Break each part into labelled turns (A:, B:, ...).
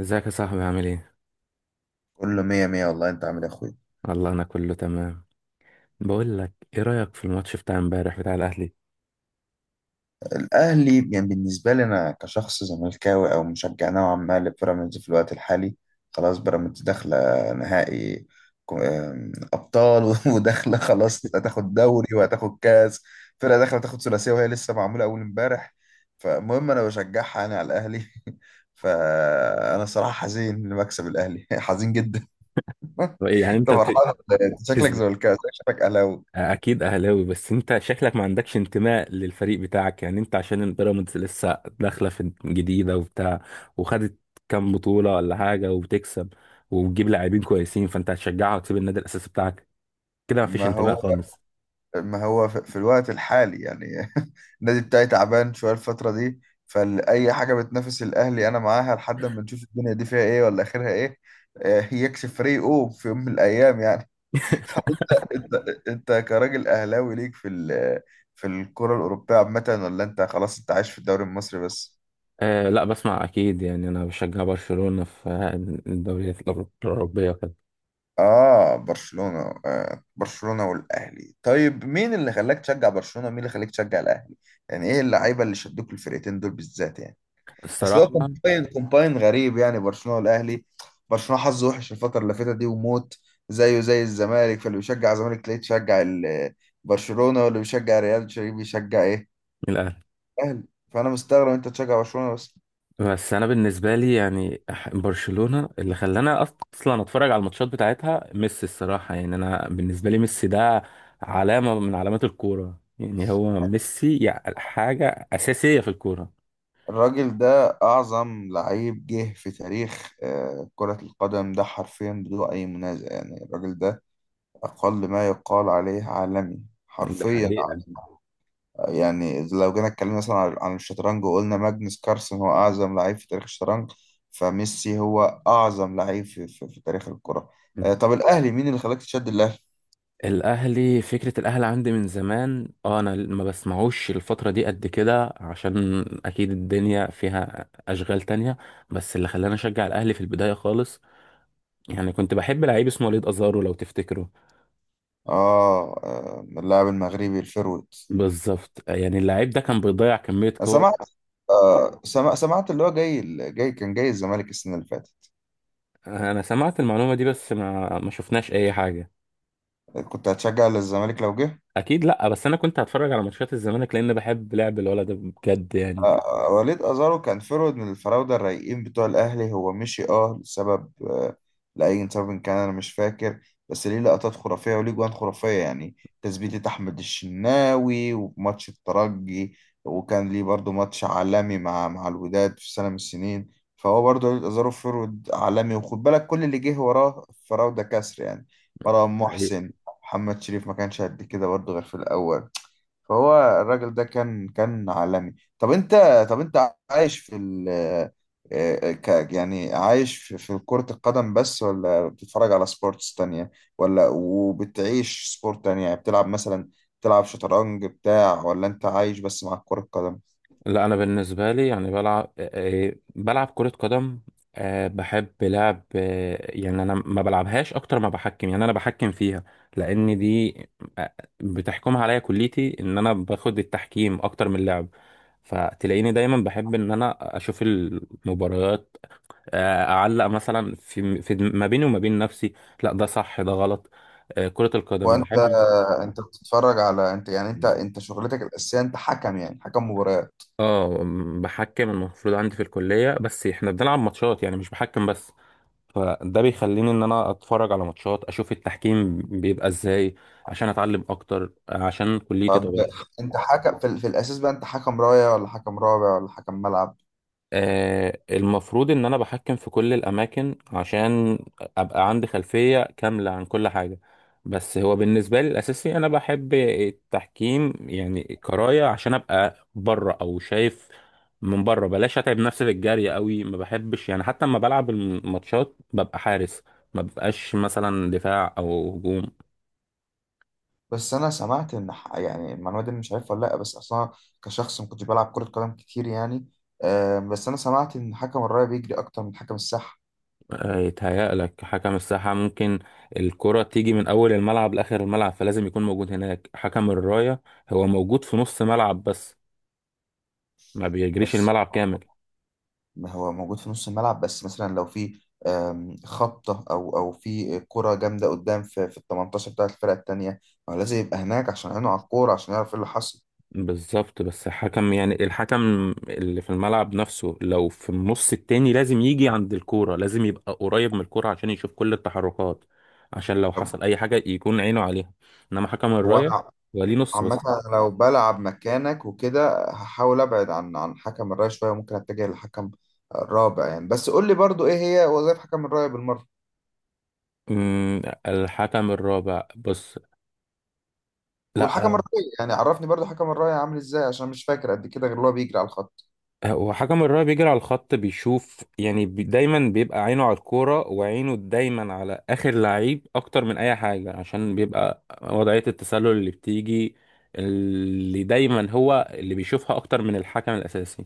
A: ازيك يا صاحبي؟ عامل ايه؟
B: كله مية مية والله انت عامل إيه يا اخويا.
A: والله انا كله تمام. بقول لك ايه رأيك في الماتش بتاع امبارح بتاع الاهلي؟
B: الاهلي يعني بالنسبة لي انا كشخص زملكاوي او مشجع نوعا ما لبيراميدز في الوقت الحالي. خلاص بيراميدز داخلة نهائي. كو- آم، ابطال وداخلة خلاص هتاخد دوري وهتاخد كاس. فرقة داخلة تاخد ثلاثية وهي لسه معمولة اول امبارح. فالمهم انا بشجعها انا على الاهلي. فانا صراحة حزين لمكسب الاهلي، حزين جدا.
A: ايه يعني
B: انت
A: انت
B: فرحان ولا ايه؟ شكلك
A: بتز-
B: زملكاوي شكلك اهلاوي.
A: اكيد اهلاوي. بس انت شكلك ما عندكش انتماء للفريق بتاعك، يعني انت عشان البيراميدز لسه داخلة في جديدة وبتاع، وخدت كام بطولة ولا حاجة، وبتكسب وبتجيب لاعبين كويسين، فانت هتشجعها وتسيب النادي الاساسي بتاعك كده؟ ما فيش
B: ما
A: انتماء
B: هو
A: خالص.
B: ما هو في الوقت الحالي يعني النادي بتاعي تعبان شوية الفترة دي. فأي حاجة بتنافس الأهلي أنا معاها لحد ما نشوف الدنيا دي فيها إيه ولا آخرها إيه. يكسب فريقه في يوم من الأيام يعني. فأنت أنت أنت كراجل أهلاوي ليك في الكرة الأوروبية عامة ولا أنت خلاص أنت عايش في الدوري المصري بس؟
A: آه لا، بسمع اكيد، يعني انا بشجع برشلونة في الدوريات الأوروبية وكده.
B: آه برشلونة آه برشلونة والأهلي. طيب مين اللي خلاك تشجع برشلونة ومين اللي خلاك تشجع الأهلي؟ يعني إيه اللعيبة اللي شدوك الفرقتين دول بالذات يعني؟ اصل هو
A: الصراحة
B: كومباين غريب يعني برشلونه والاهلي. برشلونه حظه وحش الفتره اللي فاتت دي وموت. زيه زي الزمالك. فاللي بيشجع الزمالك تلاقيه تشجع ال- برشلونه واللي بيشجع ريال تلاقيه بيشجع ايه،
A: الاهلي،
B: الاهلي. فانا مستغرب انت تشجع برشلونه بس.
A: بس انا بالنسبه لي يعني برشلونه اللي خلاني اصلا اتفرج على الماتشات بتاعتها ميسي. الصراحه يعني انا بالنسبه لي ميسي ده علامه من علامات الكوره، يعني هو ميسي يعني حاجه اساسيه في الكوره.
B: الراجل ده اعظم لعيب جه في تاريخ كرة القدم، ده حرفيا بدون اي منازع يعني. الراجل ده اقل ما يقال عليه عالمي،
A: ده
B: حرفيا
A: حقيقه.
B: عالمي. يعني لو جينا اتكلمنا مثلا عن الشطرنج وقلنا ماجنس كارلسن هو أعظم لعيب في تاريخ الشطرنج، فميسي هو أعظم لعيب في تاريخ الكرة. طب الأهلي مين اللي خلاك تشد الأهلي؟
A: الاهلي، فكره الاهلي عندي من زمان. اه انا ما بسمعوش الفتره دي قد كده، عشان اكيد الدنيا فيها اشغال تانية. بس اللي خلاني اشجع الاهلي في البدايه خالص، يعني كنت بحب لعيب اسمه وليد ازارو لو تفتكره.
B: اللاعب المغربي الفيرويد.
A: بالظبط، يعني اللعيب ده كان بيضيع كمية
B: أنا
A: كور.
B: سمعت. سمعت اللي هو جاي، كان جاي الزمالك السنة اللي فاتت.
A: انا سمعت المعلومة دي، بس ما شفناش اي حاجة.
B: كنت هتشجع الزمالك لو جه؟
A: اكيد لا، بس انا كنت هتفرج على ماتشات الزمالك لان بحب لعب الولد ده بجد يعني.
B: وليد أزارو كان فرود من الفراودة الرايقين بتوع الأهلي. هو مشي أه لسبب، لأي سبب كان أنا مش فاكر. بس ليه لقطات خرافية وليه جوان خرافية يعني، تثبيتة أحمد الشناوي وماتش الترجي. وكان ليه برضو ماتش عالمي مع الوداد في سنة من السنين. فهو برضو وليد أزارو فرود عالمي، وخد بالك كل اللي جه وراه الفراودة كسر يعني. مرام
A: حقيقة.
B: محسن، محمد شريف ما كانش قد كده برضو غير في الأول. فهو الراجل ده كان عالمي. طب انت طب انت عايش في ال آه، آه، ك يعني عايش في كرة القدم بس ولا بتتفرج على سبورتس تانية، ولا وبتعيش سبورت تانية يعني بتلعب مثلا، بتلعب شطرنج بتاع ولا انت عايش بس مع كرة القدم؟
A: لا انا بالنسبة لي يعني بلعب، بلعب كرة قدم. بحب لعب، يعني انا ما بلعبهاش اكتر ما بحكم، يعني انا بحكم فيها لان دي آه، بتحكمها عليا كليتي، ان انا باخد التحكيم اكتر من اللعب. فتلاقيني دايما بحب ان انا اشوف المباريات، اعلق مثلا في ما بيني وما بين نفسي، لا ده صح ده غلط. كرة القدم
B: وانت
A: بحب
B: انت بتتفرج على انت يعني انت انت شغلتك الأساسية انت حكم يعني حكم مباريات؟
A: بحكم. المفروض عندي في الكلية بس احنا بنلعب ماتشات، يعني مش بحكم بس، فده بيخليني ان انا اتفرج على ماتشات اشوف التحكيم بيبقى ازاي، عشان اتعلم اكتر عشان كليتي
B: طب
A: طبعا.
B: انت حكم في الأساس بقى، انت حكم راية ولا حكم رابع ولا حكم ملعب؟
A: المفروض ان انا بحكم في كل الاماكن عشان ابقى عندي خلفية كاملة عن كل حاجة. بس هو بالنسبة لي الاساسي انا بحب التحكيم يعني كراية، عشان ابقى بره او شايف من بره، بلاش اتعب نفسي في الجري قوي، ما بحبش يعني. حتى لما بلعب الماتشات ببقى حارس، ما ببقاش مثلا دفاع او هجوم.
B: بس انا سمعت ان يعني المعلومه دي أنا مش عارفها ولا لا، بس اصلا كشخص ما كنتش بلعب كره قدم كتير يعني. بس انا سمعت ان حكم الرايه بيجري اكتر من حكم الساحه.
A: يتهيألك حكم الساحة ممكن الكرة تيجي من أول الملعب لآخر الملعب، فلازم يكون موجود هناك. حكم الراية هو موجود في نص ملعب بس، ما بيجريش
B: بس
A: الملعب كامل.
B: ما هو موجود في نص الملعب بس، مثلا لو في خبطه او في كره جامده قدام في ال 18 بتاعه الفرقه التانيه، ما هو لازم يبقى هناك عشان عينه على الكوره عشان يعرف ايه اللي حصل.
A: بالظبط، بس حكم يعني الحكم اللي في الملعب نفسه لو في النص التاني لازم يجي عند الكورة، لازم يبقى قريب من الكورة عشان يشوف كل التحركات، عشان لو
B: طب
A: حصل أي حاجة يكون عينه عليها. إنما حكم
B: هو
A: الراية
B: انا
A: هو ليه نص
B: عامة
A: بس.
B: أنا لو بلعب مكانك وكده هحاول ابعد عن حكم الراية شوية، ممكن اتجه لحكم رابع يعني. بس قول لي برضو ايه هي وظائف حكم الراية بالمرة.
A: أمم، الحكم الرابع بص،
B: والحكم
A: لا.
B: الراية يعني عرفني برضو حكم الراية عامل ازاي، عشان مش فاكر قد كده غير اللي هو بيجري على الخط.
A: وحكم الراية بيجري على الخط، بيشوف يعني بي دايما بيبقى عينه على الكورة، وعينه دايما على آخر لعيب أكتر من أي حاجة، عشان بيبقى وضعية التسلل اللي بتيجي اللي دايما هو اللي بيشوفها أكتر من الحكم الأساسي.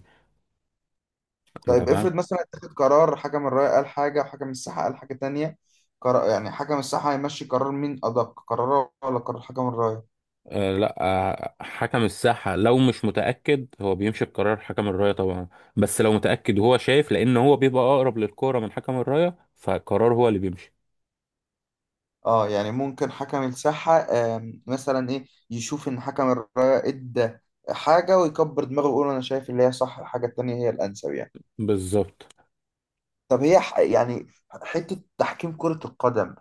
A: أنت
B: طيب
A: فاهم؟
B: افرض مثلا اتخذ قرار، حكم الراية قال حاجة وحكم الساحة قال حاجة تانية، قرار يعني حكم الساحة هيمشي قرار مين، أدق قراره ولا قرار حكم الراية؟
A: آه لا، آه حكم الساحة لو مش متأكد هو بيمشي بقرار حكم الراية طبعا، بس لو متأكد وهو شايف، لأن هو بيبقى أقرب للكورة من حكم الراية، فقرار هو اللي بيمشي.
B: اه يعني ممكن حكم الساحة مثلا ايه يشوف ان حكم الراية ادى حاجة ويكبر دماغه ويقول انا شايف اللي هي صح، الحاجة التانية هي الانسب يعني.
A: بالظبط.
B: طب هي يعني حتة تحكيم كرة القدم،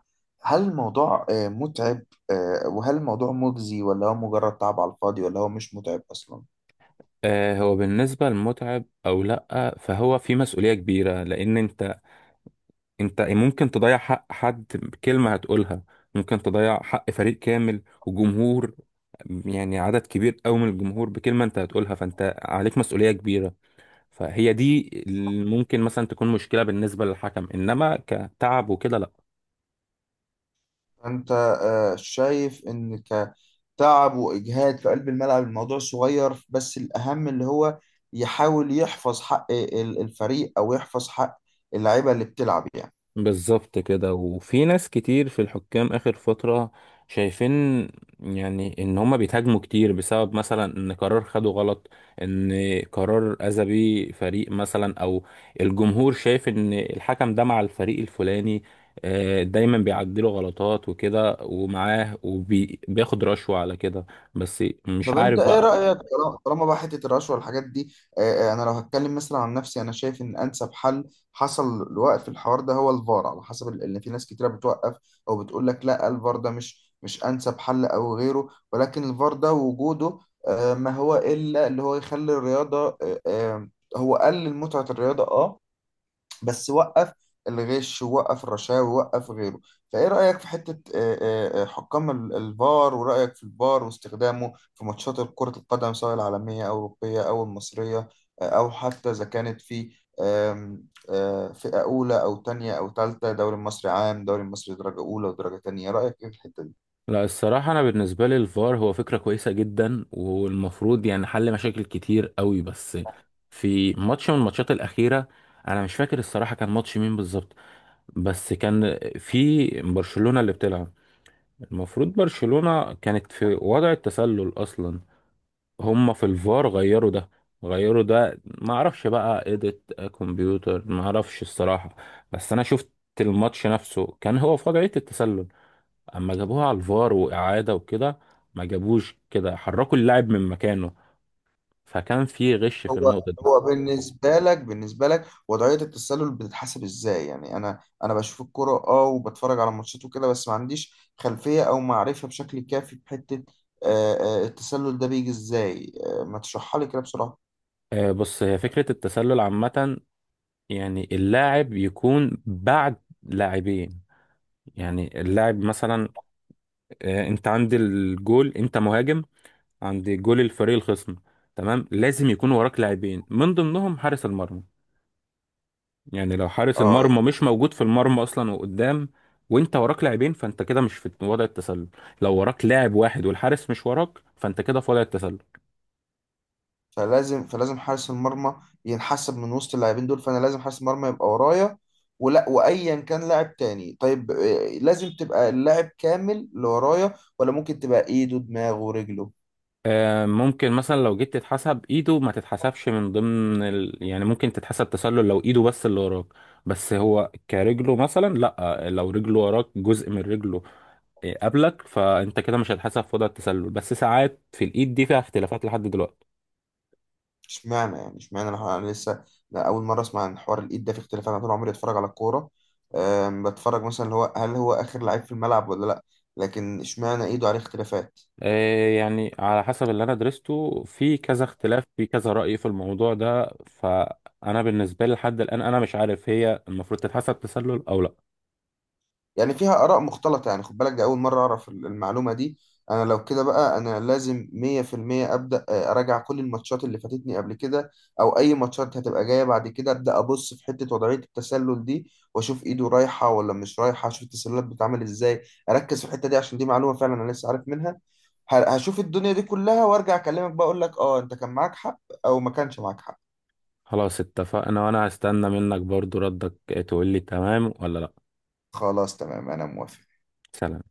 B: هل الموضوع متعب؟ وهل الموضوع مجزي ولا هو مجرد تعب على الفاضي، ولا هو مش متعب اصلا؟
A: هو بالنسبة للمتعب أو لأ، فهو في مسؤولية كبيرة، لأن أنت أنت ممكن تضيع حق حد بكلمة هتقولها، ممكن تضيع حق فريق كامل وجمهور، يعني عدد كبير أوي من الجمهور بكلمة أنت هتقولها، فأنت عليك مسؤولية كبيرة. فهي دي اللي ممكن مثلا تكون مشكلة بالنسبة للحكم، إنما كتعب وكده لأ.
B: انت شايف ان كتعب واجهاد في قلب الملعب الموضوع صغير، بس الاهم اللي هو يحاول يحفظ حق الفريق او يحفظ حق اللعيبه اللي بتلعب يعني.
A: بالظبط كده. وفي ناس كتير في الحكام آخر فترة شايفين، يعني إن هما بيتهاجموا كتير بسبب مثلا إن قرار خده غلط، إن قرار أذى بيه فريق مثلا، أو الجمهور شايف إن الحكم ده مع الفريق الفلاني، دايما بيعدله غلطات وكده ومعاه وبياخد رشوة على كده، بس مش
B: طب انت
A: عارف
B: ايه
A: بقى.
B: رأيك، طالما بقى حتة الرشوة والحاجات دي؟ اه، انا لو هتكلم مثلا عن نفسي انا شايف ان انسب حل حصل لوقف الحوار ده هو الفار، على حسب ان في ناس كتيرة بتوقف او بتقول لك لا الفار ده مش انسب حل او غيره، ولكن الفار ده وجوده اه، ما هو الا اللي هو يخلي الرياضة هو قلل متعة الرياضة اه، بس وقف الغش ووقف الرشاوي ووقف غيره. فايه رأيك في حتة حكام الفار، ورأيك في الفار واستخدامه في ماتشات كرة القدم سواء العالمية أو الأوروبية أو المصرية، أو حتى إذا كانت في آم، آه، فئة أولى أو تانية أو تالتة، دوري المصري عام دوري المصري درجة أولى ودرجة تانية، رأيك إيه في الحتة دي؟
A: لا الصراحة أنا بالنسبة لي الفار هو فكرة كويسة جدا، والمفروض يعني حل مشاكل كتير قوي. بس في ماتش من الماتشات الأخيرة، أنا مش فاكر الصراحة كان ماتش مين بالظبط، بس كان في برشلونة اللي بتلعب، المفروض برشلونة كانت في وضع التسلل أصلا، هما في الفار غيروا ده. غيروا ده، معرفش بقى إيديت كمبيوتر معرفش الصراحة، بس أنا شفت الماتش نفسه كان هو في وضعية التسلل، اما جابوها على الفار واعاده وكده ما جابوش كده، حركوا اللاعب من مكانه، فكان في غش في
B: هو
A: النقطه دي.
B: هو بالنسبة لك وضعية التسلل بتتحسب ازاي؟ يعني انا بشوف الكرة اه وبتفرج على ماتشات وكده، بس ما عنديش خلفية او معرفة بشكل كافي بحتة آه، التسلل ده، بيجي ازاي؟ ما تشرحها لي كده بسرعة.
A: بص هي فكره التسلل عامه، يعني اللاعب يكون بعد لاعبين. يعني اللاعب مثلا، انت عند الجول، انت مهاجم عند جول الفريق الخصم، تمام، لازم يكون وراك لاعبين من ضمنهم حارس المرمى. يعني لو حارس
B: اه يعني
A: المرمى مش موجود في المرمى اصلا وقدام، وانت وراك لاعبين، فانت كده مش في وضع التسلل. لو وراك لاعب واحد والحارس مش وراك، فانت كده في وضع التسلل.
B: فلازم حارس المرمى ينحسب من وسط اللاعبين دول، فانا لازم حارس المرمى يبقى ورايا ولا وايا كان لاعب تاني؟ طيب لازم تبقى اللاعب كامل اللي ورايا ولا ممكن تبقى ايده دماغه ورجله؟
A: آه ممكن مثلا لو جيت تتحسب ايده، ما تتحسبش من ضمن ال... يعني ممكن تتحسب تسلل لو ايده بس اللي وراك، بس هو كرجله مثلا لا، لو رجله وراك جزء من رجله قبلك، فانت كده مش هتحسب في وضع التسلل. بس ساعات في الايد دي فيها اختلافات لحد دلوقتي.
B: اشمعنى انا لسه، لا اول مره اسمع عن حوار الايد ده في اختلاف. انا طول عمري اتفرج على الكوره، بتفرج مثلا اللي هو هل هو اخر لعيب في الملعب ولا لا، لكن اشمعنى ايده عليه اختلافات؟
A: يعني على حسب اللي انا درسته في كذا اختلاف في كذا رأي في الموضوع ده، فانا بالنسبة لي لحد الآن انا مش عارف هي المفروض تتحسب تسلل او لا.
B: يعني فيها آراء مختلطة. يعني خد بالك ده أول مرة أعرف المعلومة دي. أنا لو كده بقى أنا لازم 100% أبدأ أراجع كل الماتشات اللي فاتتني قبل كده أو أي ماتشات هتبقى جاية بعد كده، أبدأ أبص في حتة وضعية التسلل دي وأشوف إيده رايحة ولا مش رايحة، أشوف التسللات بتتعمل إزاي. أركز في الحتة دي عشان دي معلومة فعلا أنا لسه عارف منها. هشوف الدنيا دي كلها وأرجع أكلمك بقى أقول لك أه أنت كان معاك حق أو ما كانش معاك حق.
A: خلاص اتفقنا، وانا هستنى منك برضو ردك تقول لي تمام ولا لا.
B: خلاص تمام أنا موافق.
A: سلام.